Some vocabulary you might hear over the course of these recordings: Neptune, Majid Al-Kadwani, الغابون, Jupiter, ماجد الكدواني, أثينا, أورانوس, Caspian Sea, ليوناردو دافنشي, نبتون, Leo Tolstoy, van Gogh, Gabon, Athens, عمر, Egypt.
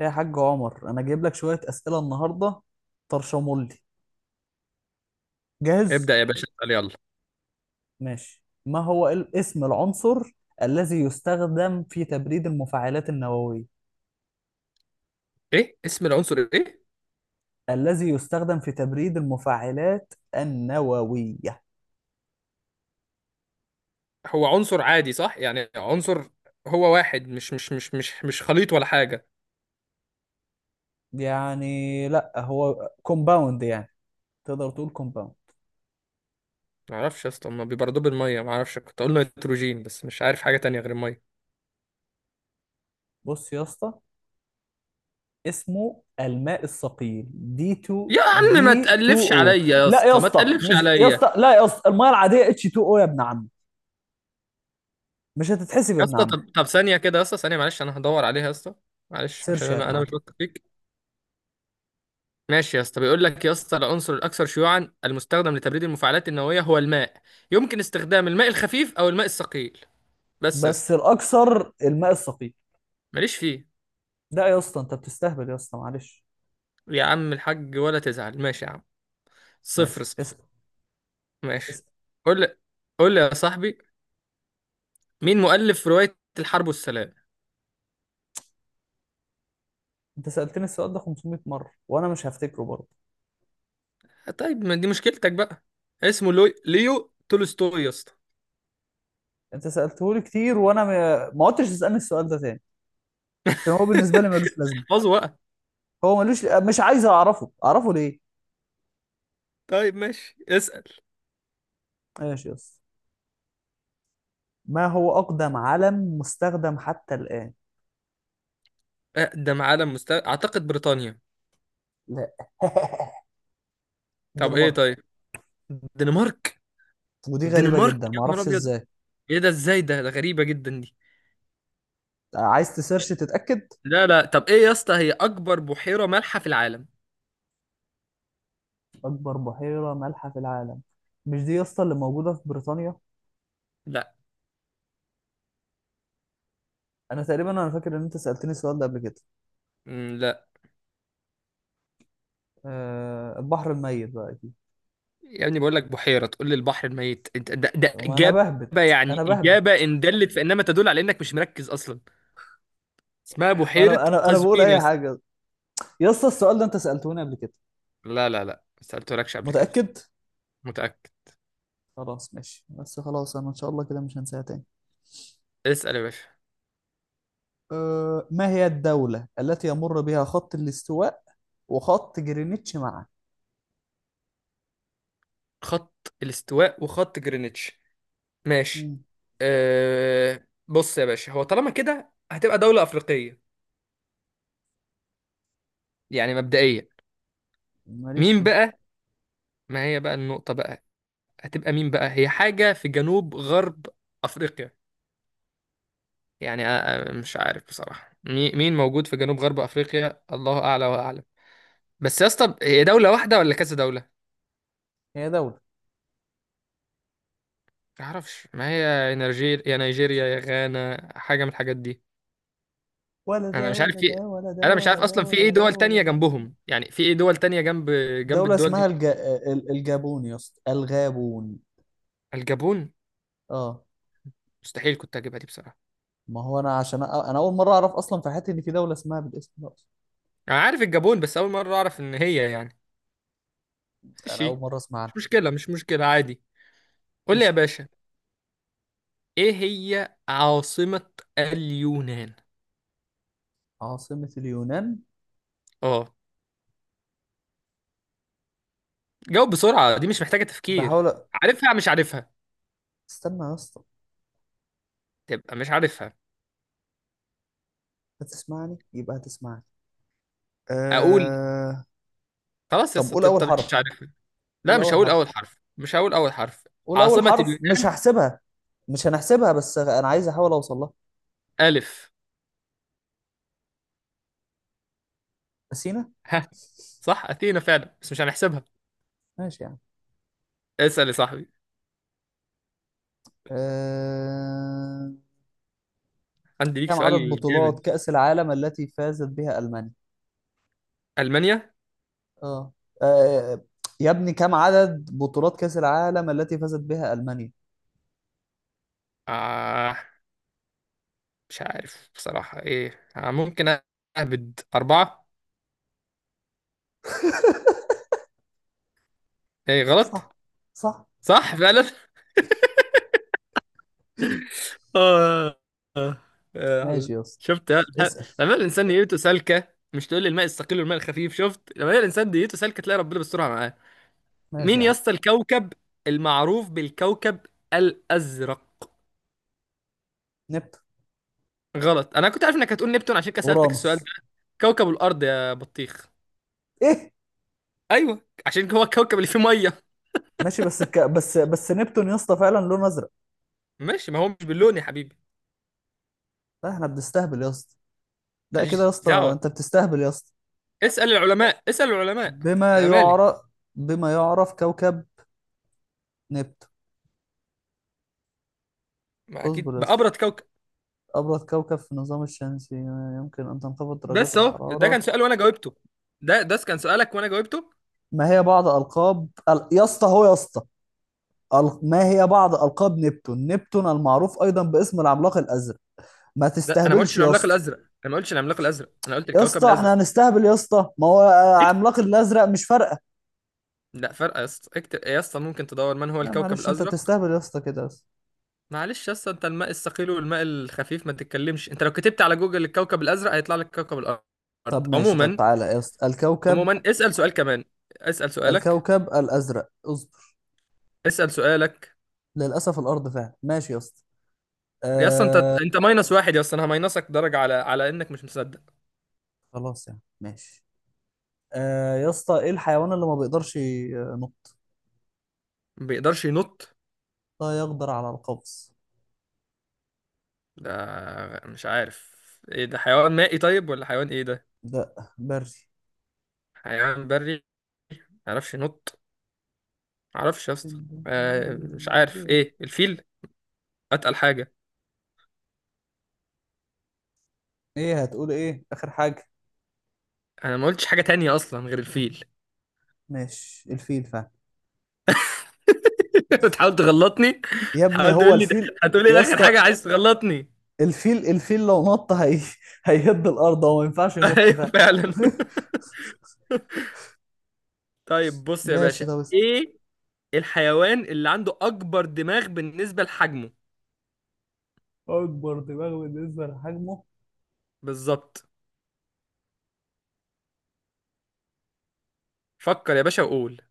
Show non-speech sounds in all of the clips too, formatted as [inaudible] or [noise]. يا حاج عمر، انا جايب لك شوية أسئلة النهاردة. طرشمولي. جاهز. ابدأ يا باشا اسأل يلا. ماشي. ما هو اسم العنصر الذي يستخدم في تبريد المفاعلات النووية؟ ايه اسم العنصر ايه؟ الذي يستخدم في تبريد المفاعلات النووية. هو عنصر عادي صح؟ يعني عنصر هو واحد مش خليط ولا حاجة؟ يعني لا، هو كومباوند يعني. تقدر تقول كومباوند. ما اعرفش يا اسطى، ما بيبردوه بالمية؟ ما اعرفش، كنت اقول نيتروجين بس مش عارف حاجة تانية غير المية. بص يا اسطى، اسمه الماء الثقيل، دي 2 يا عم ما دي 2 تقلفش عليا، او. يا لا يا اسطى ما اسطى، تقلفش مش يا عليا. اسطى، لا يا اسطى، الميه العاديه اتش 2 او يا ابن عم. مش هتتحسب يا يا ابن اسطى عم. طب ثانية كده يا اسطى، ثانية معلش انا هدور عليها يا اسطى. معلش عشان سيرش يا انا ابن انا عم. مش واثق فيك. ماشي يا اسطى، بيقول لك يا اسطى العنصر الاكثر شيوعا المستخدم لتبريد المفاعلات النووية هو الماء، يمكن استخدام الماء الخفيف او الماء الثقيل. بس يا بس اسطى الاكثر الماء الثقيل. ماليش فيه. لا يا اسطى، انت بتستهبل يا اسطى، معلش. يا عم الحاج ولا تزعل، ماشي يا عم. صفر ماشي. صفر. ماشي. قول لي، قول لي يا صاحبي، مين مؤلف رواية الحرب والسلام؟ انت سالتني السؤال ده 500 مره وانا مش هفتكره برضه. طيب ما دي مشكلتك بقى. اسمه ليو تولستوي يا اسطى. انت سالته لي كتير وانا ما عدتش تسالني السؤال ده تاني. عشان هو [laughs] بالنسبه لي ملوش لازمه. احفظه بقى. هو ملوش، مش عايز اعرفه، اعرفه ليه؟ طيب ماشي اسأل. ماشي يا اسطى. ما هو اقدم علم مستخدم حتى الان؟ اقدم عالم مستوى اعتقد بريطانيا. لا. [laughs] طب ايه؟ الدنمارك. طيب، الدنمارك؟ ودي غريبه الدنمارك جدا، يا ما نهار اعرفش ابيض، ازاي. ايه ده؟ ازاي ده غريبة جدا دي. عايز تسيرش تتاكد؟ لا لا، طب ايه يا اسطى هي اكبر بحيرة مالحة في العالم؟ اكبر بحيره مالحه في العالم. مش دي يا اسطى اللي موجوده في بريطانيا؟ لا. انا تقريبا، انا فاكر ان انت سالتني السؤال ده قبل كده. لا. أه، البحر الميت بقى اكيد. يا ابني بقول لك بحيرة تقول لي البحر الميت، انت ده طب ما انا إجابة؟ بهبد. انا يعني بهبد. إجابة إن دلت فإنما تدل على إنك مش مركز أصلا. اسمها ما بحيرة انا انا انا بقول قزوين يا اي اسطى. حاجه. يا اسطى السؤال ده انت سالتوني قبل كده. لا لا لا، ما سألتلكش قبل كده. متاكد؟ متأكد. خلاص ماشي، بس خلاص انا ان شاء الله كده مش هنساها تاني. اسأل يا باشا. أه، ما هي الدوله التي يمر بها خط الاستواء وخط جرينتش معا؟ خط الاستواء وخط جرينتش، ماشي. مم، أه، بص يا باشا، هو طالما كده هتبقى دولة أفريقية، يعني مبدئيا. ماليش مين في. بقى؟ ما هي بقى النقطة بقى، هتبقى مين بقى؟ هي حاجة في جنوب غرب أفريقيا، يعني مش عارف بصراحة مين موجود في جنوب غرب أفريقيا، الله أعلى وأعلم. بس يا اسطى هي دولة واحدة ولا كذا دولة؟ هي دوله. ما أعرفش ما هي، يا نيجير يا نيجيريا يا غانا، حاجة من الحاجات دي. ولا أنا ده مش عارف ولا في، ده ولا ده أنا مش ولا عارف ده. أصلا في إيه دول تانية جنبهم، يعني في إيه دول تانية جنب جنب دوله الدول اسمها دي. الج... ال- الجابون يا اسطى، الغابون. الجابون؟ اه. مستحيل كنت أجيبها دي بصراحة. ما هو انا اول مره اعرف اصلا في حياتي ان في دوله اسمها بالاسم ده اصلا. أنا عارف الجابون بس أول مرة أعرف إن هي يعني. انا اول ماشي، مره اسمع مش عنها. مشكلة مش مشكلة عادي. قول لي اسم يا باشا. إيه هي عاصمة اليونان؟ عاصمه اليونان. اه. جاوب بسرعة دي مش محتاجة تفكير. بحاول عارفها مش عارفها؟ استنى يا اسطى. تبقى مش عارفها. هتسمعني يبقى هتسمعني. أقول؟ أه... خلاص يا طب قول اسطى اول أنت مش حرف. عارفها. لا قول مش اول هقول حرف. أول حرف، مش هقول أول حرف. قول اول عاصمة حرف، مش اليونان. هحسبها. مش هنحسبها، بس انا عايز احاول اوصل لها. ألف. اثينا. ها؟ صح، أثينا فعلا، بس مش هنحسبها. ماشي يعني. اسأل يا صاحبي. أه... عندي ليك كم عدد سؤال بطولات جامد. كأس العالم التي فازت بها ألمانيا؟ ألمانيا. اه. آه، يا ابني كم عدد بطولات كأس العالم التي فازت بها ألمانيا؟ آه مش عارف بصراحة. إيه آه ممكن أهبد أربعة. إيه غلط؟ صح. صح فعلا. [laughs] آه آه آه. ماشي يا اسطى. شفت لما الإنسان نيته سالكة؟ مش تقول لي الماء الثقيل والماء الخفيف؟ شفت لما الإنسان نيته سالكة تلاقي ربنا بيسترها معاه. ماشي مين يا يا عم. اسطى الكوكب المعروف بالكوكب الأزرق؟ نبتون. غلط. أنا كنت عارف إنك هتقول نبتون، عشان كده سألتك السؤال ده. اورانوس. كوكب الأرض يا بطيخ. ايه. أيوه عشان هو الكوكب اللي فيه مية. ماشي بس الك... بس بس نبتون يا اسطى فعلا لونه ازرق. ماشي، ما هو مش باللون يا حبيبي. لا، احنا بنستهبل يا اسطى. لا كده يا ماليش اسطى، دعوة، انت بتستهبل يا اسطى. اسأل العلماء اسأل العلماء، بما أنا مالي. يعرف. بما يعرف كوكب نبتون. ما أكيد اصبر يا اسطى. بأبرد كوكب. ابرد كوكب في النظام الشمسي يمكن ان تنخفض درجات بس اهو ده كان الحرارة. سؤال وانا جاوبته، ده كان سؤالك وانا جاوبته. ما هي بعض القاب ال- يا اسطى، هو، يا اسطى، ما هي بعض ألقاب نبتون؟ نبتون المعروف أيضا باسم العملاق الأزرق. ما ده انا ما قلتش تستهبلش يا العملاق اسطى. الازرق، انا ما قلتش العملاق الازرق، انا قلت يا الكوكب اسطى الازرق. احنا هنستهبل يا اسطى. ما هو اكتب. عملاق الأزرق مش فارقة. لا فرق يا اسطى، اكتب يا اسطى، ممكن تدور من هو لا الكوكب معلش، انت الازرق. بتستهبل يا اسطى كده بس. معلش يا اسطى، انت الماء الثقيل والماء الخفيف ما تتكلمش، انت لو كتبت على جوجل الكوكب الازرق هيطلع لك كوكب الارض. طب ماشي، طب عموما، تعالى يا اسطى الكوكب. عموما اسال سؤال كمان. اسال سؤالك، الكوكب الأزرق، اصبر. اسال سؤالك. للأسف الأرض فعلا. ماشي يا اسطى. يا اسطى انت آه. انت ماينس واحد يا اسطى، انا هماينسك درجه على انك مش مصدق. خلاص يعني ماشي. يا اسطى، ايه الحيوان اللي ما بيقدرش ينط؟ ما بيقدرش ينط؟ لا يقدر على القفز. ده مش عارف، ايه ده حيوان مائي طيب ولا حيوان ايه ده؟ لا، بري. حيوان بري، معرفش ينط، معرفش يا اسطى. مش عارف. ايه الفيل؟ اتقل حاجه. ايه هتقول؟ ايه اخر حاجة؟ انا ما قلتش حاجه تانية اصلا غير الفيل. ماشي الفيل فعلا. [laughs] بتحاول تغلطني، يا ابني بتحاول هو تقول لي ده، الفيل. هتقول لي يا إيه اخر حاجه؟ اسطى عايز تغلطني. [laughs] الفيل لو نط، [laughs] هيهد الارض، هو ما ينفعش ينط. ايوه فعلا. [laughs] [laughs] طيب بص يا باشا، ماشي طب اسأل. ايه الحيوان اللي عنده اكبر دماغ بالنسبه لحجمه؟ اكبر دماغ بالنسبه لحجمه؟ بالظبط، فكر يا باشا وقول.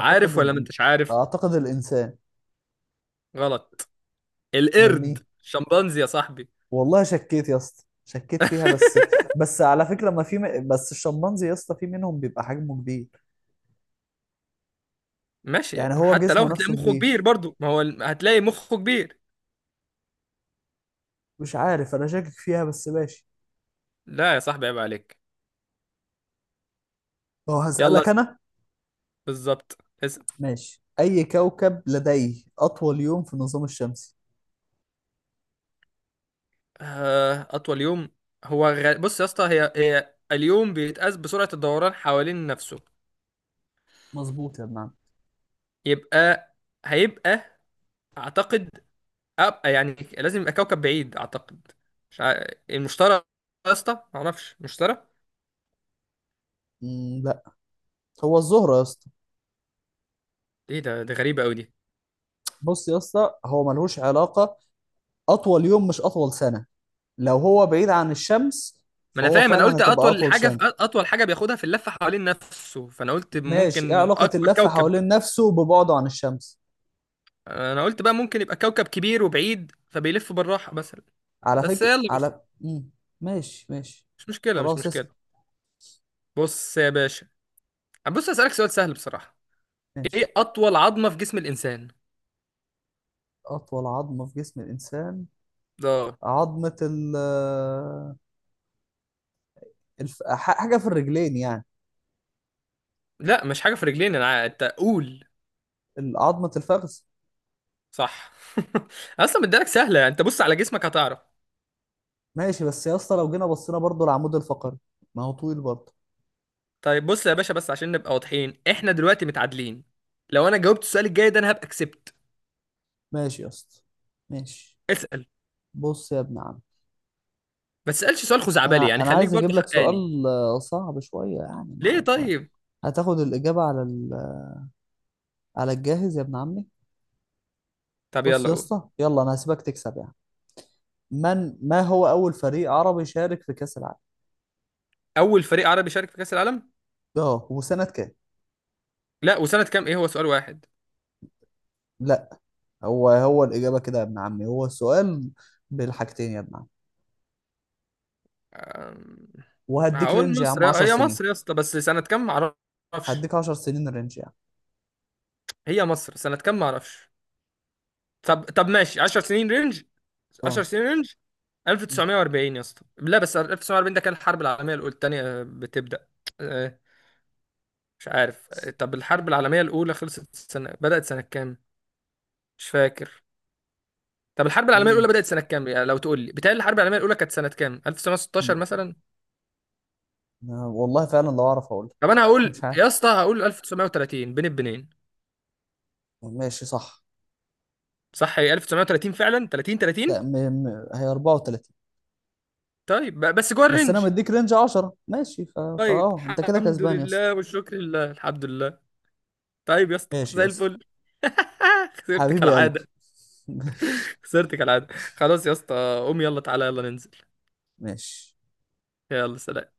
عارف ولا ما انتش عارف؟ اعتقد الانسان. غلط. القرد شمبانزي يا صاحبي. والله شكيت يا اسطى، شكيت فيها بس. [laughs] بس على فكره، ما في م... بس الشمبانزي يا اسطى في منهم بيبقى حجمه كبير. ماشي يعني هو حتى لو جسمه هتلاقي نفسه مخه كبير كبير. برضو، ما هو هتلاقي مخه كبير. مش عارف، انا شاكك فيها بس ماشي. لا يا صاحبي عيب عليك. هو يلا هسألك انا. بالظبط. اس- ماشي. اي كوكب لديه اطول يوم في النظام الشمسي؟ اطول يوم. بص يا اسطى، هي اليوم بيتقاس بسرعة الدوران حوالين نفسه. مظبوط يا ابن عم. يبقى هيبقى اعتقد، أبقى يعني لازم يبقى كوكب بعيد اعتقد. مش ع... المشتري يا اسطى، معرفش، مشتري. مم، هو الزهرة يا اسطى. ايه ده غريبة قوي دي. بص يا اسطى هو ملهوش علاقة. أطول يوم مش أطول سنة. لو هو بعيد عن الشمس، ما انا فهو فاهم، انا فعلا قلت هتبقى اطول أطول. حاجه في اطول حاجه بياخدها في اللفه حوالين نفسه، فانا قلت ماشي. إيه ممكن علاقة اكبر اللف كوكب. حوالين نفسه ببعده عن الشمس؟ انا قلت بقى ممكن يبقى كوكب كبير وبعيد فبيلف بالراحه مثلا. على بس فكرة، يلا مش، على مم. ماشي ماشي. مش مشكله مش خلاص اسأل. مشكله. بص يا باشا، بص اسالك سؤال سهل بصراحه، ماشي. ايه اطول عظمه في جسم الانسان؟ أطول عظمة في جسم الإنسان. ده عظمة ال آه، الف... ح- حاجة في الرجلين يعني. لا مش حاجه في رجلين، انا انت قول. عظمة الفخذ. صح. [laughs] اصلا مديلك سهله، انت بص على جسمك هتعرف. ماشي، بس يا اسطى لو جينا بصينا برضو العمود الفقري، ما هو طويل برضه. طيب بص يا باشا، بس عشان نبقى واضحين احنا دلوقتي متعادلين، لو انا جاوبت السؤال الجاي ده انا هبقى كسبت. ماشي يا اسطى ماشي. اسال. بص يا ابن عم. ما تسألش سؤال خزعبلي، انا يعني انا خليك عايز برضه اجيب لك حقاني. سؤال صعب شويه يعني. ما ليه انت طيب؟ هتاخد الاجابه على الجاهز يا ابن عمي. طب بص يلا يا قول. اسطى يلا انا هسيبك تكسب يعني. من ما هو اول فريق عربي شارك في كاس العالم؟ أول فريق عربي شارك في كأس العالم؟ اه، وسنه كام؟ لا وسنة كام؟ إيه هو سؤال واحد؟ لا. هو هو الاجابه كده يا ابن عمي، هو السؤال بالحاجتين يا ابن عمي. أم، وهديك رينج هقول يا مصر عم 10 هي سنين. مصر يا اسطى، بس سنة كام معرفش. هديك 10 سنين رينج يعني. هي مصر، سنة كام معرفش. طب ماشي 10 سنين رينج. 10 اه. سنين رينج. 1940 يا اسطى. لا بس 1940 ده كان الحرب العالمية الأولى التانية بتبدأ. آه، مش عارف. طب الحرب العالمية الأولى خلصت سنة، بدأت سنة كام؟ مش فاكر. طب الحرب العالميه الاولى بدات سنه كام؟ يعني لو تقول لي بتهيألي الحرب العالميه الاولى كانت سنه كام، 1916 مثلا. والله فعلا لو اعرف اقول. طب انا هقول يا اسطى، هقول 1930 بين البنين. ماشي صح. صح، هي 1930 فعلا. 30 لا، 30. م... هي 34. طيب بس جوه بس انا الرينج. مديك رينج 10. ماشي طيب فاه انت كده الحمد كسبان يا اسطى. لله والشكر لله، الحمد لله. طيب يا اسطى ماشي يا زي اسطى. الفل. [laughs] خسرت حبيبي يا قلبي. كالعاده، [laughs] ماشي خسرت كالعاده. خلاص يا اسطى قوم، يلا تعالى يلا ننزل. ماشي. يلا سلام.